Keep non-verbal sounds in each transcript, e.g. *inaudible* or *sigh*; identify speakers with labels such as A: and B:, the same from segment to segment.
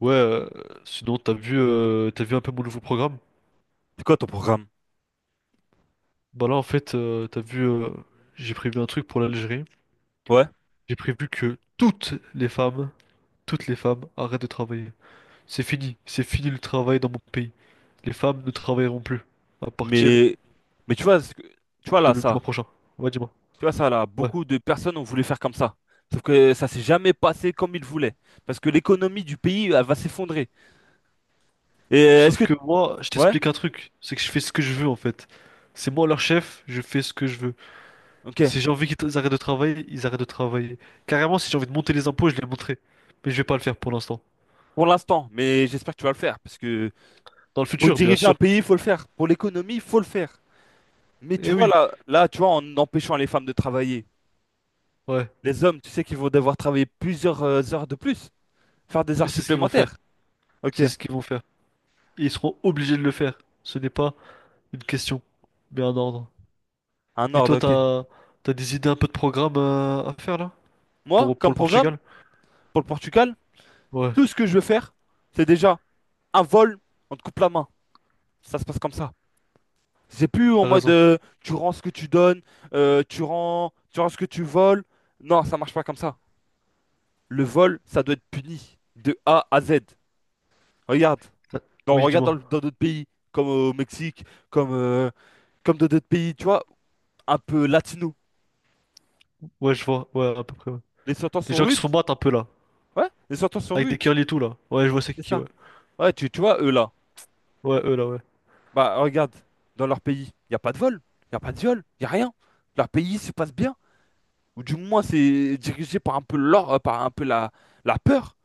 A: Ouais, sinon t'as vu un peu mon nouveau programme?
B: C'est quoi ton programme?
A: Bah là en fait t'as vu j'ai prévu un truc pour l'Algérie.
B: Ouais.
A: J'ai prévu que toutes les femmes arrêtent de travailler. C'est fini le travail dans mon pays. Les femmes ne travailleront plus à partir
B: Mais, mais tu vois, tu vois
A: de
B: là,
A: le du mois
B: ça.
A: prochain. Ouais, dis-moi.
B: Tu vois ça là,
A: Ouais.
B: beaucoup de personnes ont voulu faire comme ça. Sauf que ça s'est jamais passé comme ils voulaient. Parce que l'économie du pays, elle va s'effondrer. Et est-ce
A: Sauf
B: que...
A: que moi, je
B: Ouais,
A: t'explique un truc, c'est que je fais ce que je veux en fait. C'est moi leur chef, je fais ce que je veux.
B: ok.
A: Si j'ai envie qu'ils arrêtent de travailler, ils arrêtent de travailler. Carrément, si j'ai envie de monter les impôts, je les monterai. Mais je vais pas le faire pour l'instant.
B: Pour l'instant, mais j'espère que tu vas le faire. Parce que
A: Dans le
B: pour
A: futur, bien
B: diriger un
A: sûr.
B: pays, il faut le faire. Pour l'économie, il faut le faire. Mais tu
A: Eh
B: vois
A: oui,
B: là, tu vois, en empêchant les femmes de travailler,
A: ouais.
B: les hommes, tu sais qu'ils vont devoir travailler plusieurs heures de plus, faire des
A: Et
B: heures
A: c'est ce qu'ils vont faire.
B: supplémentaires. Ok,
A: C'est ce qu'ils vont faire. Et ils seront obligés de le faire. Ce n'est pas une question, mais un ordre.
B: un
A: Et
B: ordre,
A: toi,
B: ok.
A: t'as des idées un peu de programme à faire là?
B: Moi,
A: Pour
B: comme
A: le
B: programme,
A: Portugal?
B: pour le Portugal,
A: Ouais,
B: tout ce que je veux faire, c'est déjà un vol, on te coupe la main. Ça se passe comme ça. C'est plus en
A: t'as
B: mode
A: raison.
B: tu rends ce que tu donnes, tu rends ce que tu voles. Non, ça marche pas comme ça. Le vol, ça doit être puni de A à Z. Regarde,
A: T'as-
B: dans,
A: Oui,
B: regarde dans
A: dis-moi.
B: le- dans d'autres pays, comme au Mexique, comme, euh, comme dans d'autres pays, tu vois, un peu latino.
A: Ouais, je vois. Ouais, à peu près. Ouais.
B: Les sentences
A: Les
B: sont
A: gens qui se
B: rudes.
A: font battre un peu là.
B: Ouais, les sentences sont
A: Avec des
B: rudes.
A: curly et tout là. Ouais, je vois c'est
B: C'est
A: qui, ouais.
B: ça. Ouais, tu vois, eux là.
A: Ouais, eux là, ouais.
B: Bah, regarde, dans leur pays, il n'y a pas de vol, il n'y a pas de viol, il n'y a rien. Leur pays se passe bien, ou du moins c'est dirigé par un peu l'or, par un peu la peur,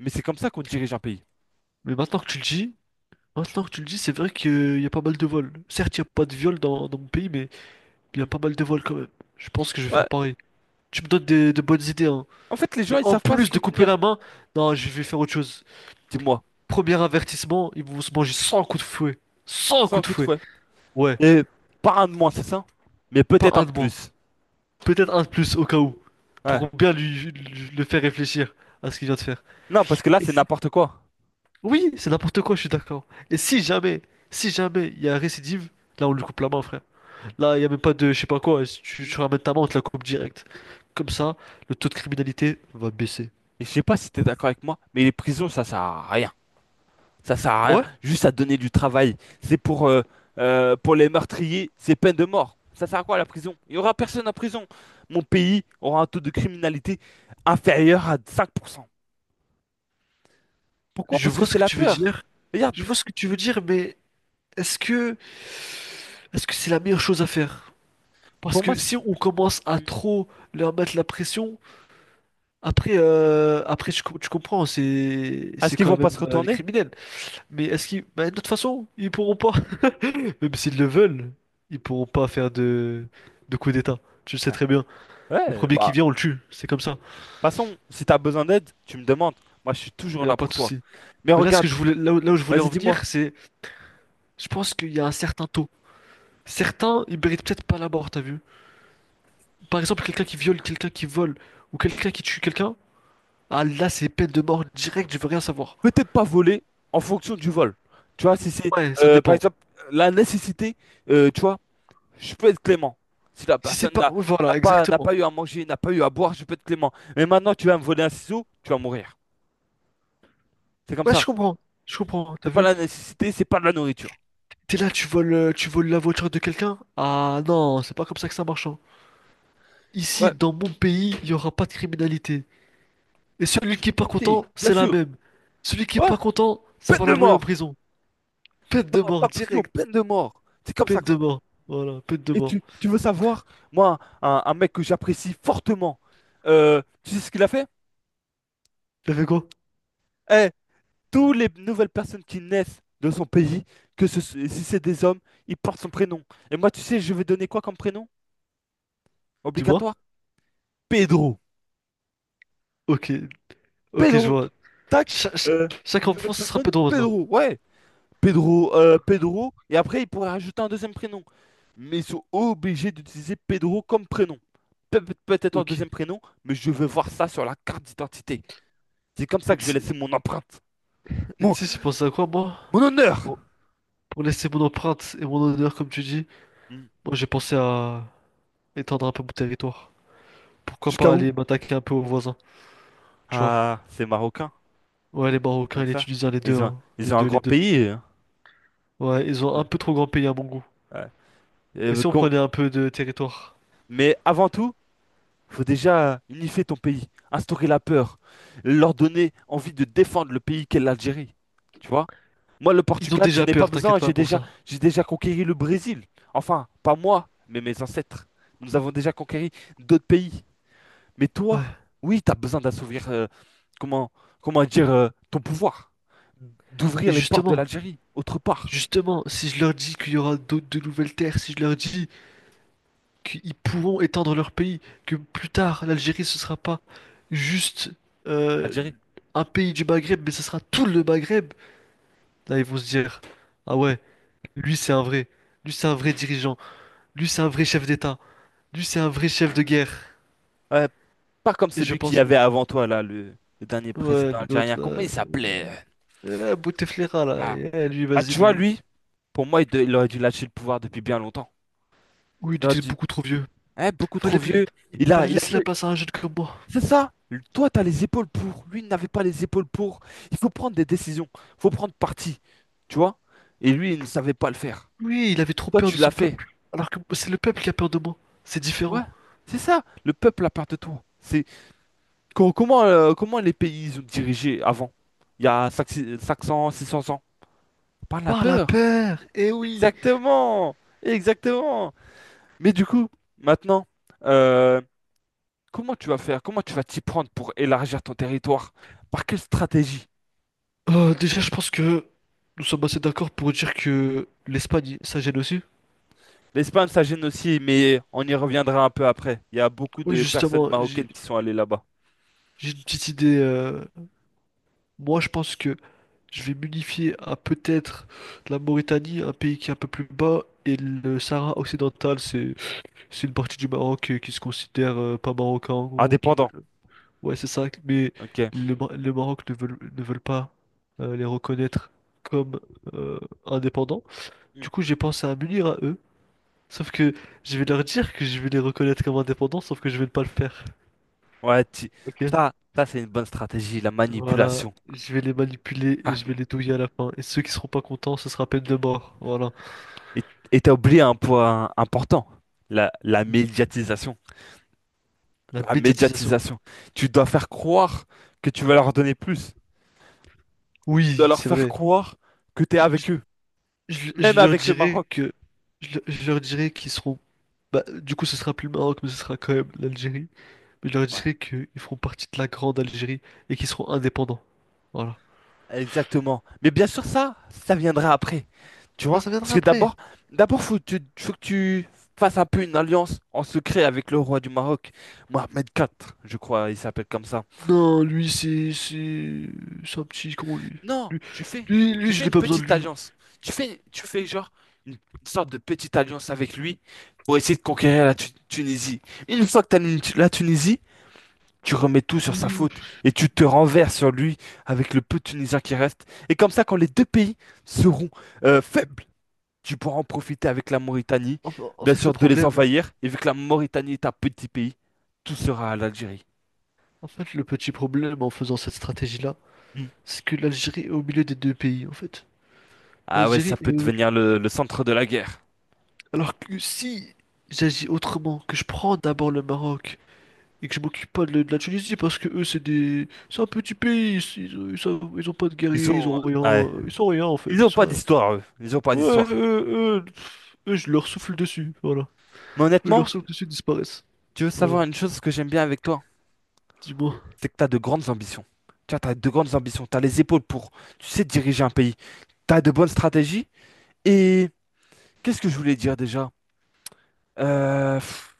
B: mais c'est comme ça qu'on dirige un pays.
A: Mais maintenant que tu le dis, maintenant que tu le dis, c'est vrai qu'il y a pas mal de vols. Certes, il n'y a pas de viol dans mon pays, mais il y a
B: Mm.
A: pas mal de vols quand même. Je pense que je vais faire
B: Ouais.
A: pareil. Tu me donnes des- de bonnes idées, hein.
B: En fait, les
A: Et
B: gens, ils
A: en
B: savent pas se
A: plus de couper
B: contenir,
A: la main, non, je vais faire autre chose.
B: dis-moi,
A: Premier avertissement, ils vont se manger 100 coups de fouet. 100
B: c'est un
A: coups de
B: coup de
A: fouet.
B: fouet.
A: Ouais,
B: Et pas un de moins, c'est ça, mais
A: pas
B: peut-être un
A: un
B: de
A: de moins.
B: plus.
A: Peut-être un de plus au cas où.
B: Ouais.
A: Pour bien le faire réfléchir à ce qu'il vient de faire.
B: Non, parce que là,
A: Et
B: c'est
A: si-
B: n'importe quoi.
A: Oui, c'est n'importe quoi, je suis d'accord. Et si jamais, si jamais il y a récidive, là on lui coupe la main, frère. Là, il n'y a même pas de je sais pas quoi. Si Tu,
B: Mm.
A: tu ramènes ta main, on te la coupe direct. Comme ça, le taux de criminalité va baisser.
B: Et je sais pas si t'es d'accord avec moi, mais les prisons, ça sert à rien. Ça sert à
A: Ah
B: rien,
A: ouais?
B: juste à donner du travail. C'est pour les meurtriers, c'est peine de mort. Ça sert à quoi la prison? Il y aura personne en prison. Mon pays aura un taux de criminalité inférieur à 5%. Pourquoi?
A: Je
B: Parce que
A: vois ce
B: c'est
A: que
B: la
A: tu veux
B: peur.
A: dire.
B: Regarde,
A: Je vois ce que tu veux dire, mais est-ce que est-ce que c'est la meilleure chose à faire? Parce
B: pour moi,
A: que si on commence à
B: Mm.
A: trop leur mettre la pression, après tu comprends,
B: Est-ce
A: c'est
B: qu'ils
A: quand
B: vont pas
A: même
B: se
A: les
B: retourner?
A: criminels. Mais est-ce qu'ils, bah, de toute façon, ils pourront pas, *laughs* même s'ils le veulent, ils pourront pas faire de coup d'État. Tu le sais
B: Ouais.
A: très bien. Le
B: Ouais,
A: premier qui
B: bah,
A: vient, on le tue. C'est comme ça.
B: de toute façon, si t'as besoin d'aide, tu me demandes. Moi, je suis
A: Il
B: toujours
A: n'y a
B: là
A: pas
B: pour
A: de
B: toi.
A: souci.
B: Mais
A: Mais là, ce
B: regarde,
A: que je voulais, là où je voulais en
B: vas-y, dis-moi.
A: venir, c'est, je pense qu'il y a un certain taux. Certains, ils méritent peut-être pas la mort, t'as vu? Par exemple, quelqu'un qui viole, quelqu'un qui vole, ou quelqu'un qui tue quelqu'un, ah là, c'est peine de mort directe, je veux rien savoir.
B: Peut-être pas voler en fonction du vol. Tu vois, si c'est,
A: Ouais, ça
B: par
A: dépend.
B: exemple, la nécessité, tu vois, je peux être clément. Si la
A: Si c'est
B: personne
A: pas...
B: n'a
A: ouais,
B: n'a
A: voilà,
B: pas, n'a
A: exactement.
B: pas eu à manger, n'a pas eu à boire, je peux être clément. Mais maintenant, tu vas me voler un ciseau, tu vas mourir. C'est comme
A: Ouais, je
B: ça.
A: comprends. Je comprends, t'as
B: C'est pas
A: vu?
B: la nécessité, c'est pas de la nourriture.
A: T'es là, tu voles la voiture de quelqu'un? Ah non, c'est pas comme ça que ça marche, hein. Ici,
B: Ouais,
A: dans mon pays, il y aura pas de criminalité. Et
B: pas de
A: celui qui est pas
B: criminalité,
A: content,
B: bien
A: c'est la
B: sûr.
A: même. Celui qui est
B: Ouais,
A: pas content, ça
B: peine
A: va
B: de
A: l'envoyer en
B: mort.
A: prison. Peine de
B: Non,
A: mort,
B: pas prison,
A: direct.
B: peine de mort. C'est comme ça
A: Peine
B: que ça.
A: de mort. Voilà, peine de
B: Et
A: mort.
B: tu veux savoir, moi, un mec que j'apprécie fortement, tu sais ce qu'il a fait?
A: T'as fait quoi?
B: Eh, toutes les nouvelles personnes qui naissent de son pays, si c'est des hommes, ils portent son prénom. Et moi, tu sais, je vais donner quoi comme prénom?
A: Dis-moi.
B: Obligatoire? Pedro.
A: Ok, ok, je
B: Pedro.
A: vois.
B: Tac.
A: Cha- cha-
B: euh,
A: chaque
B: une nouvelle
A: enfant, ce sera
B: personne?
A: peu drôle, là.
B: Pedro. Ouais. Pedro, et après, il pourrait rajouter un deuxième prénom. Mais ils sont obligés d'utiliser Pedro comme prénom. Peut-être un
A: Ok.
B: deuxième prénom, mais je veux voir ça sur la carte d'identité. C'est comme ça
A: Et
B: que je vais
A: tu
B: laisser mon empreinte.
A: et
B: Mon,
A: tu sais, j'ai pensé à quoi, moi?
B: mon honneur!
A: Pour, pour laisser mon empreinte et mon honneur, comme tu dis,
B: Hmm.
A: moi, j'ai pensé à étendre un peu mon territoire. Pourquoi
B: Jusqu'à
A: pas
B: où?
A: aller m'attaquer un peu aux voisins, tu vois?
B: Ah, c'est marocain,
A: Ouais, les Marocains et
B: donc
A: les
B: ça.
A: Tunisiens, les deux,
B: Ils ont,
A: hein.
B: ils
A: Les
B: ont un
A: deux, les
B: grand
A: deux.
B: pays. Hein.
A: Ouais, ils ont un peu trop grand pays à mon goût.
B: Ouais.
A: Mais
B: Euh,
A: si on
B: qu'on-
A: prenait un peu de territoire?
B: Mais avant tout, faut déjà unifier ton pays, instaurer la peur, leur donner envie de défendre le pays qu'est l'Algérie. Tu vois? Moi, le
A: Ils ont
B: Portugal, je
A: déjà
B: n'ai pas
A: peur,
B: besoin.
A: t'inquiète
B: J'ai
A: pas pour
B: déjà,
A: ça.
B: j'ai déjà conquéri le Brésil. Enfin, pas moi, mais mes ancêtres. Nous avons déjà conquéri d'autres pays. Mais toi,
A: Ouais.
B: oui, tu as besoin d'assouvir, comment, comment dire, ton pouvoir.
A: Et
B: D'ouvrir les portes de
A: justement,
B: l'Algérie, autre part.
A: justement, si je leur dis qu'il y aura d'autres de nouvelles terres, si je leur dis qu'ils pourront étendre leur pays, que plus tard l'Algérie ce sera pas juste euh,
B: Algérie.
A: un pays du Maghreb, mais ce sera tout le Maghreb. Là ils vont se dire, ah ouais, lui c'est un vrai, lui c'est un vrai dirigeant, lui c'est un vrai chef d'État, lui c'est un vrai chef de guerre.
B: Ouais, pas comme
A: Et je
B: celui qui
A: pense,
B: avait avant toi, là, le dernier
A: ouais
B: président
A: l'autre
B: algérien.
A: là,
B: Comment il s'appelait?
A: Bouteflika là,
B: Ah,
A: eh, lui
B: Ah,
A: vas-y
B: tu vois,
A: lui,
B: lui, pour moi, il aurait dû lâcher le pouvoir depuis bien longtemps.
A: oui
B: Il
A: il
B: aurait
A: était
B: dû.
A: beaucoup trop vieux.
B: Hein, beaucoup trop
A: Fallait,
B: vieux. Il a,
A: fallait
B: il a
A: laisser la
B: plus.
A: place à un jeune comme moi.
B: C'est ça. Toi, tu as les épaules pour. Lui, il n'avait pas les épaules pour. Il faut prendre des décisions. Il faut prendre parti. Tu vois? Et lui, il ne savait pas le faire.
A: Oui, il avait trop
B: Toi,
A: peur
B: tu
A: de
B: l'as
A: son
B: fait.
A: peuple, alors que c'est le peuple qui a peur de moi. C'est
B: Ouais.
A: différent.
B: C'est ça. Le peuple a peur de toi. C'est comment les pays ils ont dirigé avant? Il y a cinq cents, 600 ans. Par la
A: Par la
B: peur.
A: paire, eh oui.
B: Exactement. Exactement. Mais du coup, maintenant, euh, comment tu vas faire? Comment tu vas t'y prendre pour élargir ton territoire? Par quelle stratégie?
A: Déjà, je pense que nous sommes assez d'accord pour dire que l'Espagne, ça gêne aussi.
B: L'Espagne, ça gêne aussi, mais on y reviendra un peu après. Il y a beaucoup
A: Oui,
B: de personnes
A: justement,
B: marocaines qui sont allées là-bas.
A: j'ai une petite idée. Moi, je pense que je vais m'unifier à peut-être la Mauritanie, un pays qui est un peu plus bas, et le Sahara occidental, c'est une partie du Maroc qui se considère pas marocain, en gros, qui veulent-
B: Indépendants,
A: Ouais, c'est ça. Mais
B: ok.
A: le Maroc ne veulent pas les reconnaître comme euh, indépendants.
B: Hmm.
A: Du coup, j'ai pensé à m'unir à eux. Sauf que je vais leur dire que je vais les reconnaître comme indépendants, sauf que je vais ne pas le faire.
B: Ouais,
A: Ok?
B: ça, ça c'est une bonne stratégie, la
A: Voilà.
B: manipulation.
A: Je vais les manipuler et
B: Ah,
A: je vais les douiller à la fin. Et ceux qui seront pas contents, ce sera peine de mort. Voilà.
B: Et et t'as oublié un point important, la médiatisation.
A: La
B: La
A: médiatisation.
B: médiatisation. Tu dois faire croire que tu vas leur donner plus. Tu dois
A: Oui,
B: leur
A: c'est
B: faire
A: vrai.
B: croire que t'es
A: Je,
B: avec
A: je-
B: eux, même
A: je leur
B: avec le
A: dirai
B: Maroc.
A: que. Je leur dirai qu'ils seront. Bah, du coup, ce sera plus le Maroc, mais ce sera quand même l'Algérie. Mais je leur
B: Ouais.
A: dirai qu'ils feront partie de la grande Algérie et qu'ils seront indépendants. Voilà.
B: Exactement. Mais bien sûr, ça viendra après. Tu
A: Ça,
B: vois?
A: ça
B: Parce
A: viendra
B: que
A: après.
B: d'abord, faut que tu fasses un peu une alliance en secret avec le roi du Maroc, Mohamed IV, je crois, il s'appelle comme ça.
A: Non, c'est un petit con, lui.
B: Non,
A: Lui,
B: tu fais,
A: lui,
B: tu
A: je
B: fais
A: n'ai
B: une
A: pas besoin de
B: petite
A: lui.
B: alliance. Tu fais genre une sorte de petite alliance avec lui pour essayer de conquérir la Tunisie. Une fois que tu as la Tunisie, tu remets tout sur sa
A: Lui-
B: faute et tu te renverses sur lui avec le peu de Tunisiens qui restent. Et comme ça, quand les deux pays seront faibles, tu pourras en profiter avec la Mauritanie,
A: En
B: bien
A: fait, le
B: sûr de les
A: problème,
B: envahir, et vu que la Mauritanie est un petit pays, tout sera à l'Algérie.
A: en fait, le petit problème en faisant cette stratégie-là,
B: Hmm.
A: c'est que l'Algérie est au milieu des deux pays, en fait.
B: Ah ouais, ça
A: L'Algérie est
B: peut
A: au-
B: devenir le centre de la guerre.
A: Alors que si j'agis autrement, que je prends d'abord le Maroc et que je m'occupe pas de la Tunisie, parce que eux, c'est des... C'est un petit pays, ils ont pas de
B: Ils
A: guerriers, ils
B: sont.
A: ont
B: Ouais.
A: rien, ils sont rien, en fait,
B: Ils
A: ils
B: ont
A: sont
B: pas
A: rien.
B: d'histoire, eux. Ils ont pas
A: Ouais,
B: d'histoire.
A: eux, je leur souffle dessus, voilà.
B: Mais
A: Mais leurs
B: honnêtement,
A: sons l'impression que ceux disparaissent.
B: tu veux
A: Voilà.
B: savoir une chose que j'aime bien avec toi?
A: Dis-moi,
B: C'est que t'as de grandes ambitions. Tu vois, t'as de grandes ambitions. T'as les épaules pour, tu sais, diriger un pays. T'as de bonnes stratégies. Et qu'est-ce que je voulais dire déjà? Euh, pff,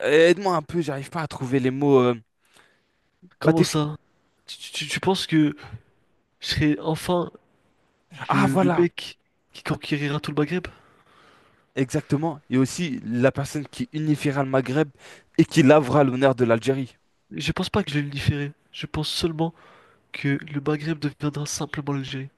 B: Aide-moi un peu, j'arrive pas à trouver les mots. Bah,
A: comment ça? Tu penses que je serai enfin
B: Ah
A: le
B: voilà!
A: mec qui conquérira tout le Maghreb?
B: Exactement. Et aussi la personne qui unifiera le Maghreb et qui lavera l'honneur de l'Algérie.
A: Je pense pas que je vais le différer. Je pense seulement que le Maghreb deviendra simplement l'Algérie.